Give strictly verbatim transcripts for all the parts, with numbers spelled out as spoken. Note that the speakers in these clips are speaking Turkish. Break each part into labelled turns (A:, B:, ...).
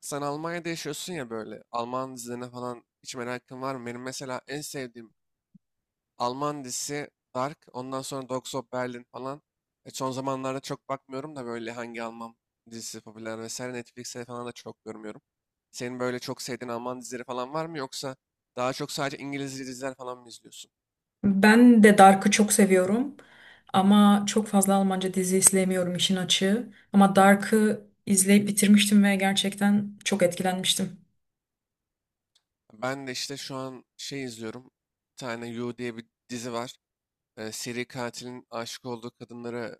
A: Sen Almanya'da yaşıyorsun ya böyle. Alman dizilerine falan hiç merakın var mı? Benim mesela en sevdiğim Alman dizisi Dark. Ondan sonra Dogs of Berlin falan. E, son zamanlarda çok bakmıyorum da böyle hangi Alman dizisi popüler vesaire Netflix'e falan da çok görmüyorum. Senin böyle çok sevdiğin Alman dizileri falan var mı? Yoksa daha çok sadece İngiliz diziler falan mı izliyorsun?
B: Ben de Dark'ı çok seviyorum ama çok fazla Almanca dizi izleyemiyorum işin açığı. Ama Dark'ı izleyip bitirmiştim ve gerçekten çok etkilenmiştim.
A: Ben de işte şu an şey izliyorum. Bir tane You diye bir dizi var. e, seri katilin aşık olduğu kadınları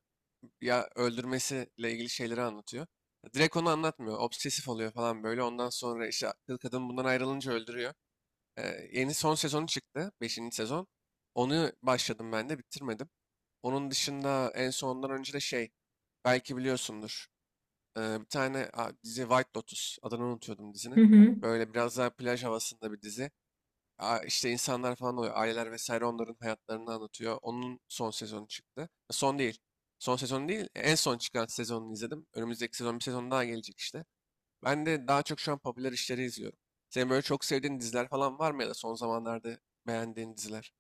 A: ya öldürmesiyle ilgili şeyleri anlatıyor. Direkt onu anlatmıyor. Obsesif oluyor falan böyle. Ondan sonra işte kız- kadın bundan ayrılınca öldürüyor. E, yeni son sezonu çıktı. Beşinci sezon. Onu başladım ben de bitirmedim. Onun dışında en sondan önce de şey belki biliyorsundur. e, bir tane a, dizi White Lotus adını unutuyordum
B: Hı
A: dizinin.
B: hı.
A: Böyle biraz daha plaj havasında bir dizi. Aa, işte insanlar falan oluyor. Aileler vesaire onların hayatlarını anlatıyor. Onun son sezonu çıktı. E, Son değil. Son sezonu değil. e, En son çıkan sezonunu izledim. Önümüzdeki sezon bir sezon daha gelecek işte. Ben de daha çok şu an popüler işleri izliyorum. Senin böyle çok sevdiğin diziler falan var mı ya da son zamanlarda beğendiğin diziler?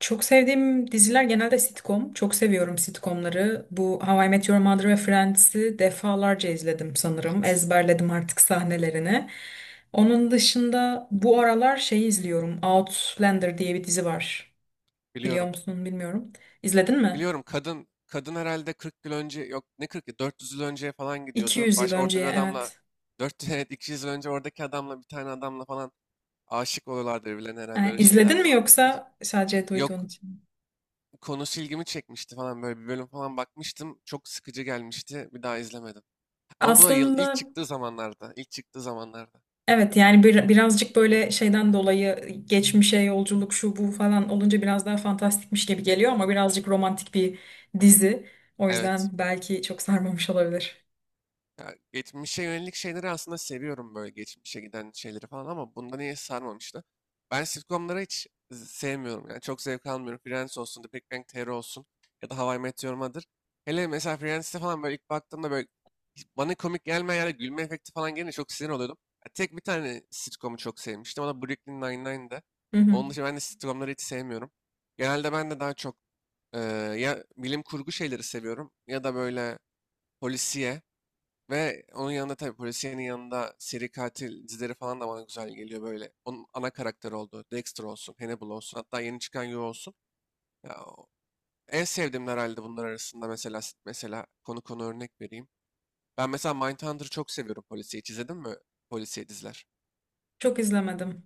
B: Çok sevdiğim diziler genelde sitcom. Çok seviyorum sitcomları. Bu How I Met Your Mother ve Friends'i defalarca izledim sanırım.
A: Evet.
B: Ezberledim artık sahnelerini. Onun dışında bu aralar şeyi izliyorum. Outlander diye bir dizi var. Biliyor
A: Biliyorum.
B: musun bilmiyorum. İzledin mi?
A: Biliyorum, kadın kadın herhalde kırk yıl önce, yok ne kırk yıl, dört yüz yıl önce falan gidiyordu.
B: iki yüz yıl
A: Baş
B: önce,
A: orada bir adamla
B: evet.
A: dört evet iki yüz yıl önce oradaki adamla bir tane adamla falan aşık oluyorlardı birbirlerine herhalde,
B: E,
A: öyle şeyler
B: İzledin mi
A: falan.
B: yoksa sadece duyduğun
A: Yok,
B: için? mi?
A: konusu ilgimi çekmişti falan, böyle bir bölüm falan bakmıştım. Çok sıkıcı gelmişti. Bir daha izlemedim. Ama bu da yıl ilk
B: Aslında
A: çıktığı zamanlarda. ilk çıktığı zamanlarda.
B: evet, yani bir, birazcık böyle şeyden dolayı, geçmişe yolculuk şu bu falan olunca biraz daha fantastikmiş gibi geliyor ama birazcık romantik bir dizi. O
A: Evet.
B: yüzden belki çok sarmamış olabilir.
A: Ya, geçmişe yönelik şeyleri aslında seviyorum, böyle geçmişe giden şeyleri falan, ama bunda niye sarmamıştı? Ben sitcomları hiç z- sevmiyorum, yani çok zevk almıyorum. Friends olsun, The Big Bang Theory olsun, ya da How I Met Your Mother. Hele mesela Friends'te falan, böyle ilk baktığımda, böyle hiç bana komik gelmeyen yerde gülme efekti falan gelince çok sinir oluyordum. Ya, tek bir tane sitcomu çok sevmiştim, o da Brooklyn Nine-Nine'dı.
B: Hı hı.
A: Onun dışında ben de sitcomları hiç sevmiyorum. Genelde ben de daha çok eee, ya bilim kurgu şeyleri seviyorum, ya da böyle polisiye. Ve onun yanında, tabii polisiyenin yanında, seri katil dizileri falan da bana güzel geliyor böyle. Onun ana karakter olduğu Dexter olsun, Hannibal olsun, hatta yeni çıkan You olsun. Ya, o- en sevdiğim herhalde bunlar arasında. Mesela, mesela konu konu örnek vereyim. Ben mesela Mindhunter'ı çok seviyorum, polisiye. Hiç izledin mi polisiye diziler?
B: Çok izlemedim.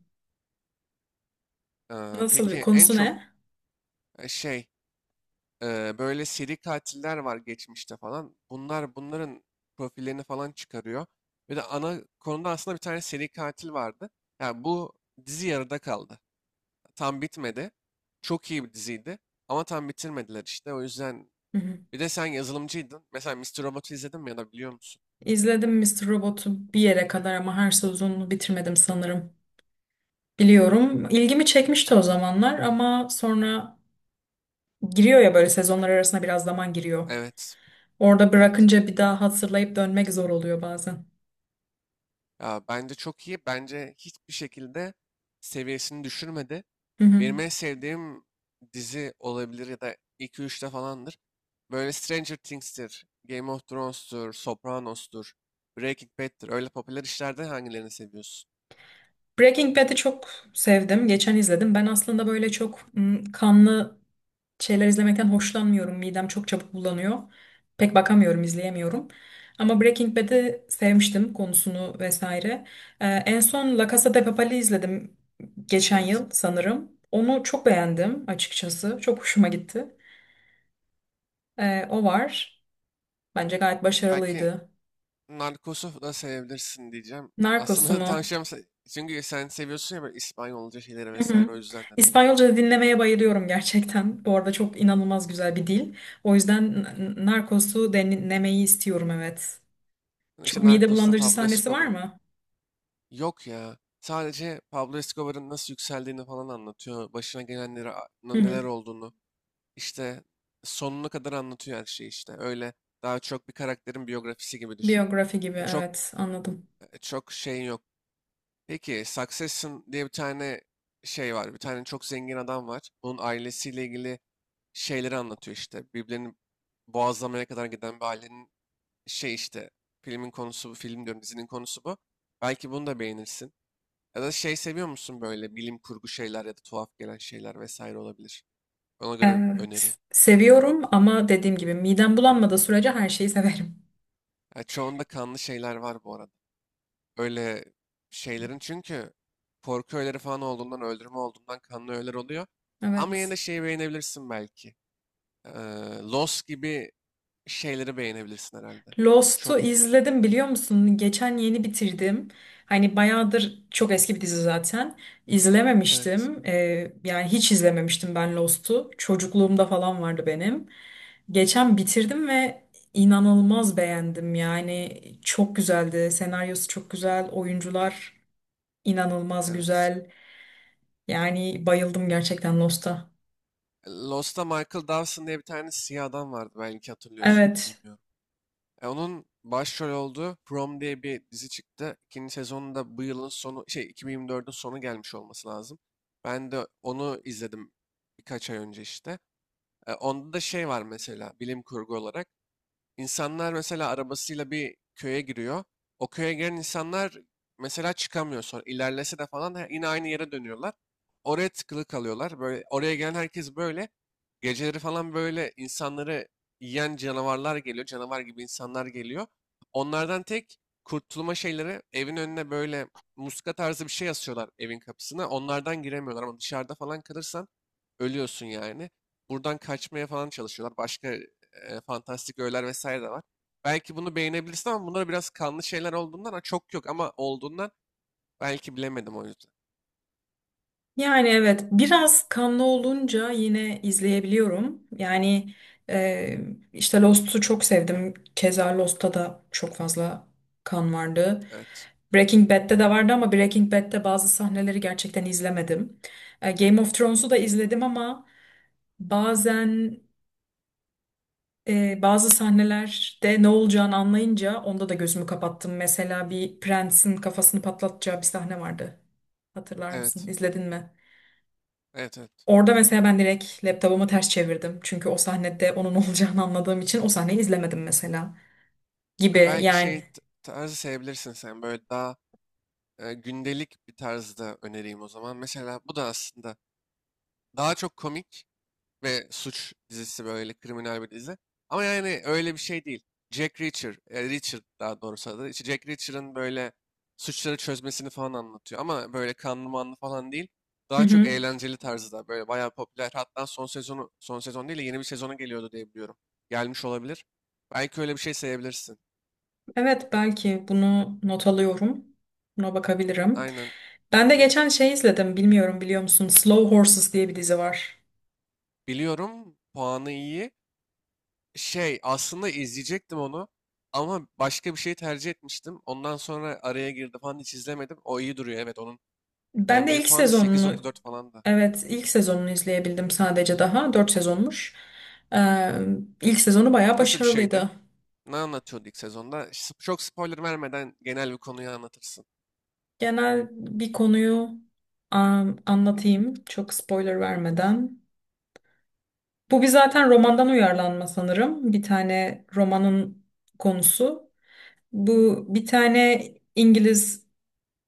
A: Ee,
B: Nasıl
A: peki
B: bir
A: en
B: konusu,
A: çok
B: ne?
A: e, şey. Ee, böyle seri katiller var geçmişte falan. Bunlar bunların profillerini falan çıkarıyor. Ve de ana konuda aslında bir tane seri katil vardı. Yani bu dizi yarıda kaldı. Tam bitmedi. Çok iyi bir diziydi. Ama tam bitirmediler işte. O yüzden
B: Hı hı.
A: bir de, sen yazılımcıydın. Mesela Mister Robot'u izledin mi, ya da biliyor musun?
B: İzledim Mister Robot'u bir yere kadar ama her sezonunu bitirmedim sanırım. Biliyorum. İlgimi çekmişti o zamanlar ama sonra giriyor ya, böyle sezonlar arasında biraz zaman giriyor.
A: Evet.
B: Orada
A: Evet.
B: bırakınca bir daha hazırlayıp dönmek zor oluyor bazen.
A: Ya bence çok iyi. Bence hiçbir şekilde seviyesini düşürmedi.
B: Hı hı.
A: Benim en sevdiğim dizi olabilir ya da iki üçte falandır. Böyle Stranger Things'tir, Game of Thrones'tur, Sopranos'tur, Breaking Bad'tir. Öyle popüler işlerden hangilerini seviyorsun?
B: Breaking Bad'i çok sevdim. Geçen izledim. Ben aslında böyle çok mm, kanlı şeyler izlemekten hoşlanmıyorum. Midem çok çabuk bulanıyor. Pek bakamıyorum, izleyemiyorum. Ama Breaking Bad'i sevmiştim, konusunu vesaire. Ee, en son La Casa de Papel'i izledim geçen
A: Evet.
B: yıl sanırım. Onu çok beğendim açıkçası. Çok hoşuma gitti. Ee, o var. Bence gayet
A: Belki
B: başarılıydı.
A: Narcos'u da sevebilirsin diyeceğim.
B: Narcos'u
A: Aslında
B: mu?
A: tavsiyem çünkü sen seviyorsun ya böyle İspanyolca şeyleri
B: Hı hı.
A: vesaire, o yüzden dedim.
B: İspanyolca dinlemeye bayılıyorum gerçekten. Bu arada çok inanılmaz güzel bir dil. O yüzden N- N- Narcos'u dinlemeyi istiyorum, evet.
A: Yani İşte
B: Çok mide
A: Narcos'ta
B: bulandırıcı
A: Pablo
B: sahnesi var
A: Escobar'ın.
B: mı?
A: Yok ya. Sadece Pablo Escobar'ın nasıl yükseldiğini falan anlatıyor. Başına gelenleri, a-
B: Hı hı.
A: neler olduğunu. İşte sonuna kadar anlatıyor her şeyi işte. Öyle, daha çok bir karakterin biyografisi gibi düşün.
B: Biyografi gibi,
A: E, çok
B: evet, anladım.
A: e, çok şeyin yok. Peki, Succession diye bir tane şey var. Bir tane çok zengin adam var. Bunun ailesiyle ilgili şeyleri anlatıyor işte. Birbirlerini boğazlamaya kadar giden bir ailenin şey işte. Filmin konusu bu. Film diyorum, dizinin konusu bu. Belki bunu da beğenirsin. Ya da şey, seviyor musun böyle bilim kurgu şeyler ya da tuhaf gelen şeyler vesaire olabilir. Ona göre önereyim.
B: Evet. Seviyorum ama dediğim gibi midem bulanmadığı sürece her şeyi severim.
A: Ya çoğunda kanlı şeyler var bu arada. Öyle şeylerin, çünkü korku öğeleri falan olduğundan, öldürme olduğundan, kanlı öğeler oluyor. Ama yine de
B: Evet.
A: şeyi beğenebilirsin belki. Ee, Lost gibi şeyleri beğenebilirsin herhalde.
B: Lost'u
A: Çok,
B: izledim, biliyor musun? Geçen yeni bitirdim. Hani bayağıdır çok eski bir dizi zaten.
A: evet,
B: İzlememiştim. Ee, yani hiç izlememiştim ben Lost'u. Çocukluğumda falan vardı benim. Geçen bitirdim ve inanılmaz beğendim. Yani çok güzeldi. Senaryosu çok güzel. Oyuncular inanılmaz
A: evet.
B: güzel. Yani bayıldım gerçekten Lost'a.
A: Lost'ta Michael Dawson diye bir tane siyah adam vardı, belki hatırlıyorsundur,
B: Evet.
A: bilmiyorum. E, onun başrol olduğu Prom diye bir dizi çıktı. İkinci sezonunda, bu yılın sonu, şey iki bin yirmi dördün sonu gelmiş olması lazım. Ben de onu izledim birkaç ay önce işte. E, onda da şey var mesela, bilim kurgu olarak. İnsanlar mesela arabasıyla bir köye giriyor. O köye giren insanlar mesela çıkamıyor sonra. İlerlese de falan he- yine aynı yere dönüyorlar. Oraya tıkılı kalıyorlar. Böyle oraya gelen herkes böyle. Geceleri falan böyle insanları yiyen canavarlar geliyor. Canavar gibi insanlar geliyor. Onlardan tek kurtulma şeyleri, evin önüne böyle muska tarzı bir şey asıyorlar evin kapısına. Onlardan giremiyorlar, ama dışarıda falan kalırsan ölüyorsun yani. Buradan kaçmaya falan çalışıyorlar. Başka e, fantastik öğeler vesaire de var. Belki bunu beğenebilirsin ama bunlar biraz kanlı şeyler olduğundan, ha, çok yok ama olduğundan, belki, bilemedim o yüzden.
B: Yani evet, biraz kanlı olunca yine izleyebiliyorum. Yani e, işte Lost'u çok sevdim. Keza Lost'ta da çok fazla kan vardı.
A: Evet.
B: Breaking Bad'de de vardı ama Breaking Bad'de bazı sahneleri gerçekten izlemedim. E, Game of Thrones'u da izledim ama bazen e, bazı sahnelerde ne olacağını anlayınca onda da gözümü kapattım. Mesela bir prensin kafasını patlatacağı bir sahne vardı. Hatırlar mısın?
A: Evet.
B: İzledin mi?
A: Evet, evet.
B: Orada mesela ben direkt laptopumu ters çevirdim. Çünkü o sahnede onun olacağını anladığım için o sahneyi izlemedim mesela.
A: Ya
B: Gibi
A: belki
B: yani.
A: şey t- tarzı sevebilirsin sen, böyle daha e, gündelik bir tarzda önereyim o zaman. Mesela bu da aslında daha çok komik ve suç dizisi, böyle kriminal bir dizi. Ama yani öyle bir şey değil. Jack Reacher, e, Reacher daha doğrusu adı. İşte Jack Reacher'ın böyle suçları çözmesini falan anlatıyor. Ama böyle kanlı manlı falan değil.
B: Hı
A: Daha çok
B: hı.
A: eğlenceli tarzda, böyle bayağı popüler. Hatta son sezonu, son sezon değil de, yeni bir sezonu geliyordu diye biliyorum. Gelmiş olabilir. Belki öyle bir şey sevebilirsin.
B: Evet, belki bunu not alıyorum. Buna bakabilirim.
A: Aynen.
B: Ben de
A: Bi-
B: geçen şey izledim. Bilmiyorum, biliyor musun? Slow Horses diye bir dizi var.
A: Biliyorum, puanı iyi. Şey, aslında izleyecektim onu ama başka bir şey tercih etmiştim. Ondan sonra araya girdi falan, hiç izlemedim. O iyi duruyor, evet, onun
B: Ben de
A: i m d b
B: ilk
A: puanı sekiz
B: sezonunu
A: nokta dört falan da.
B: Evet, ilk sezonunu izleyebildim sadece daha. Dört sezonmuş. Ee, ilk sezonu bayağı
A: Nasıl bir şeydi?
B: başarılıydı.
A: Ne anlatıyordu ilk sezonda? Sp- Çok spoiler vermeden genel bir konuyu anlatırsın.
B: Genel bir konuyu Am-
A: Hı.
B: anlatayım çok spoiler vermeden. Bu bir zaten romandan uyarlanma sanırım. Bir tane romanın konusu. Bu bir tane İngiliz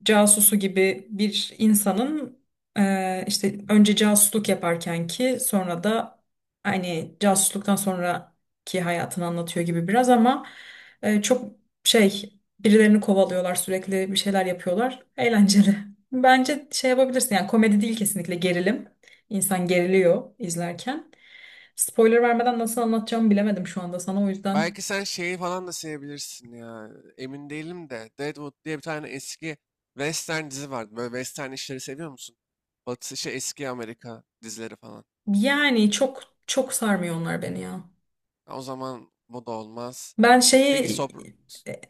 B: casusu gibi bir insanın e, işte önce casusluk yaparken ki sonra da hani casusluktan sonraki hayatını anlatıyor gibi biraz, ama e, çok şey, birilerini kovalıyorlar, sürekli bir şeyler yapıyorlar, eğlenceli. Bence şey yapabilirsin, yani komedi değil, kesinlikle gerilim. İnsan geriliyor izlerken. Spoiler vermeden nasıl anlatacağımı bilemedim şu anda sana, o yüzden.
A: Belki sen şeyi falan da sevebilirsin ya. Emin değilim de Deadwood diye bir tane eski western dizi vardı. Böyle western işleri seviyor musun? Batı şey, eski Amerika dizileri falan.
B: Yani çok çok sarmıyor onlar beni ya.
A: Ha, O zaman bu da olmaz.
B: Ben
A: Peki
B: şeyi
A: Sopr
B: e,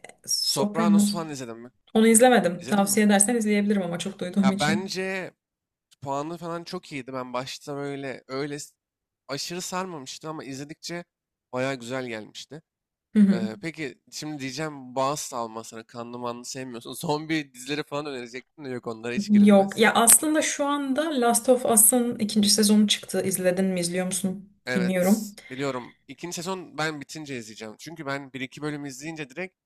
A: Sopranos
B: Sopranos.
A: falan izledin mi?
B: Onu izlemedim.
A: İzledin mi?
B: Tavsiye edersen izleyebilirim ama, çok duyduğum
A: Ya
B: için.
A: bence puanı falan çok iyiydi. Ben başta, böyle öyle s- aşırı sarmamıştı, ama izledikçe baya güzel gelmişti.
B: Hı hı.
A: Ee, peki şimdi diyeceğim, bağız salma sana, kanlı manlı sevmiyorsun. Zombi dizileri falan önerecektim de, yok, onlara hiç
B: Yok.
A: girilmez.
B: Ya aslında şu anda Last of Us'ın ikinci sezonu çıktı. İzledin mi, izliyor musun?
A: Evet,
B: Bilmiyorum.
A: biliyorum. İkinci sezon ben bitince izleyeceğim. Çünkü ben bir iki bölüm izleyince direkt,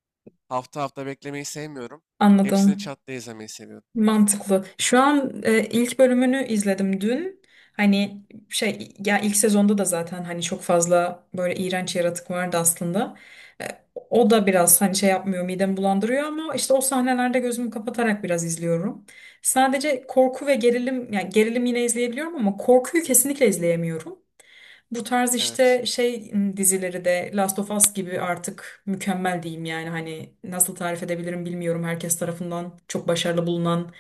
A: hafta hafta beklemeyi sevmiyorum. Hepsini
B: Anladım.
A: çat diye izlemeyi seviyorum.
B: Mantıklı. Şu an e, ilk bölümünü izledim dün. Hani şey ya, ilk sezonda da zaten hani çok fazla böyle iğrenç yaratık vardı aslında. E, o da biraz hani şey yapmıyor, midemi bulandırıyor ama işte o sahnelerde gözümü kapatarak biraz izliyorum. Sadece korku ve gerilim, yani gerilim yine izleyebiliyorum ama korkuyu kesinlikle izleyemiyorum. Bu tarz
A: Evet,
B: işte şey dizileri de, Last of Us gibi artık mükemmel diyeyim yani, hani nasıl tarif edebilirim bilmiyorum, herkes tarafından çok başarılı bulunan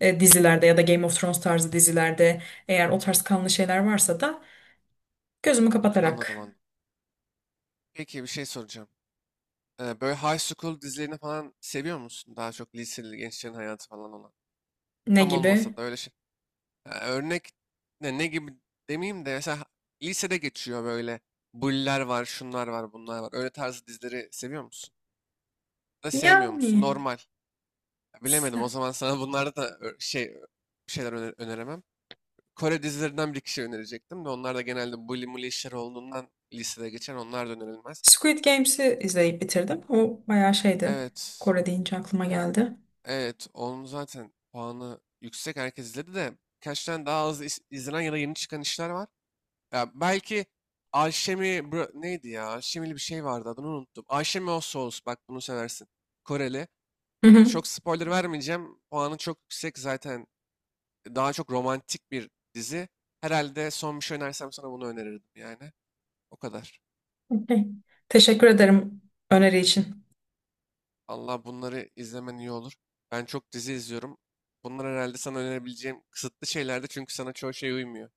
B: e, dizilerde ya da Game of Thrones tarzı dizilerde eğer o tarz kanlı şeyler varsa da gözümü
A: anladım
B: kapatarak.
A: anladım. Peki bir şey soracağım. Ee, böyle high school dizilerini falan seviyor musun? Daha çok liseli gençlerin hayatı falan olan.
B: Ne
A: Tam
B: gibi?
A: olmasa da öyle şey. Ya örnek ne, ne gibi demeyeyim de, mesela lisede geçiyor böyle. Bulliler var, şunlar var, bunlar var. Öyle tarzı dizileri seviyor musun? Da sevmiyor musun?
B: Yani
A: Normal. Ya
B: s-
A: bilemedim. O zaman sana bunlarda da ö- şey ö- bir şeyler öne- öneremem. Kore dizilerinden bir iki şey önerecektim de, onlar da genelde bully mully işler olduğundan, lisede geçen, onlar da önerilmez.
B: Squid Games'i izleyip bitirdim. O bayağı şeydi.
A: Evet.
B: Kore deyince aklıma
A: Ya,
B: geldi.
A: evet, onun zaten puanı yüksek, herkes izledi, de birkaç tane daha az iz- izlenen ya da yeni çıkan işler var. Ya belki Alşemi, Bro- neydi ya? Alşemili bir şey vardı, adını unuttum. Alşemi o Souls, bak bunu seversin. Koreli.
B: Hı
A: Ya
B: hı.
A: çok spoiler vermeyeceğim. Puanı çok yüksek zaten. Daha çok romantik bir dizi. Herhalde son bir şey önersem sana bunu önerirdim yani. O kadar.
B: Okey. Teşekkür ederim öneri için.
A: Allah bunları izlemen iyi olur. Ben çok dizi izliyorum. Bunlar herhalde sana önerebileceğim kısıtlı şeylerdi, çünkü sana çoğu şey uymuyor.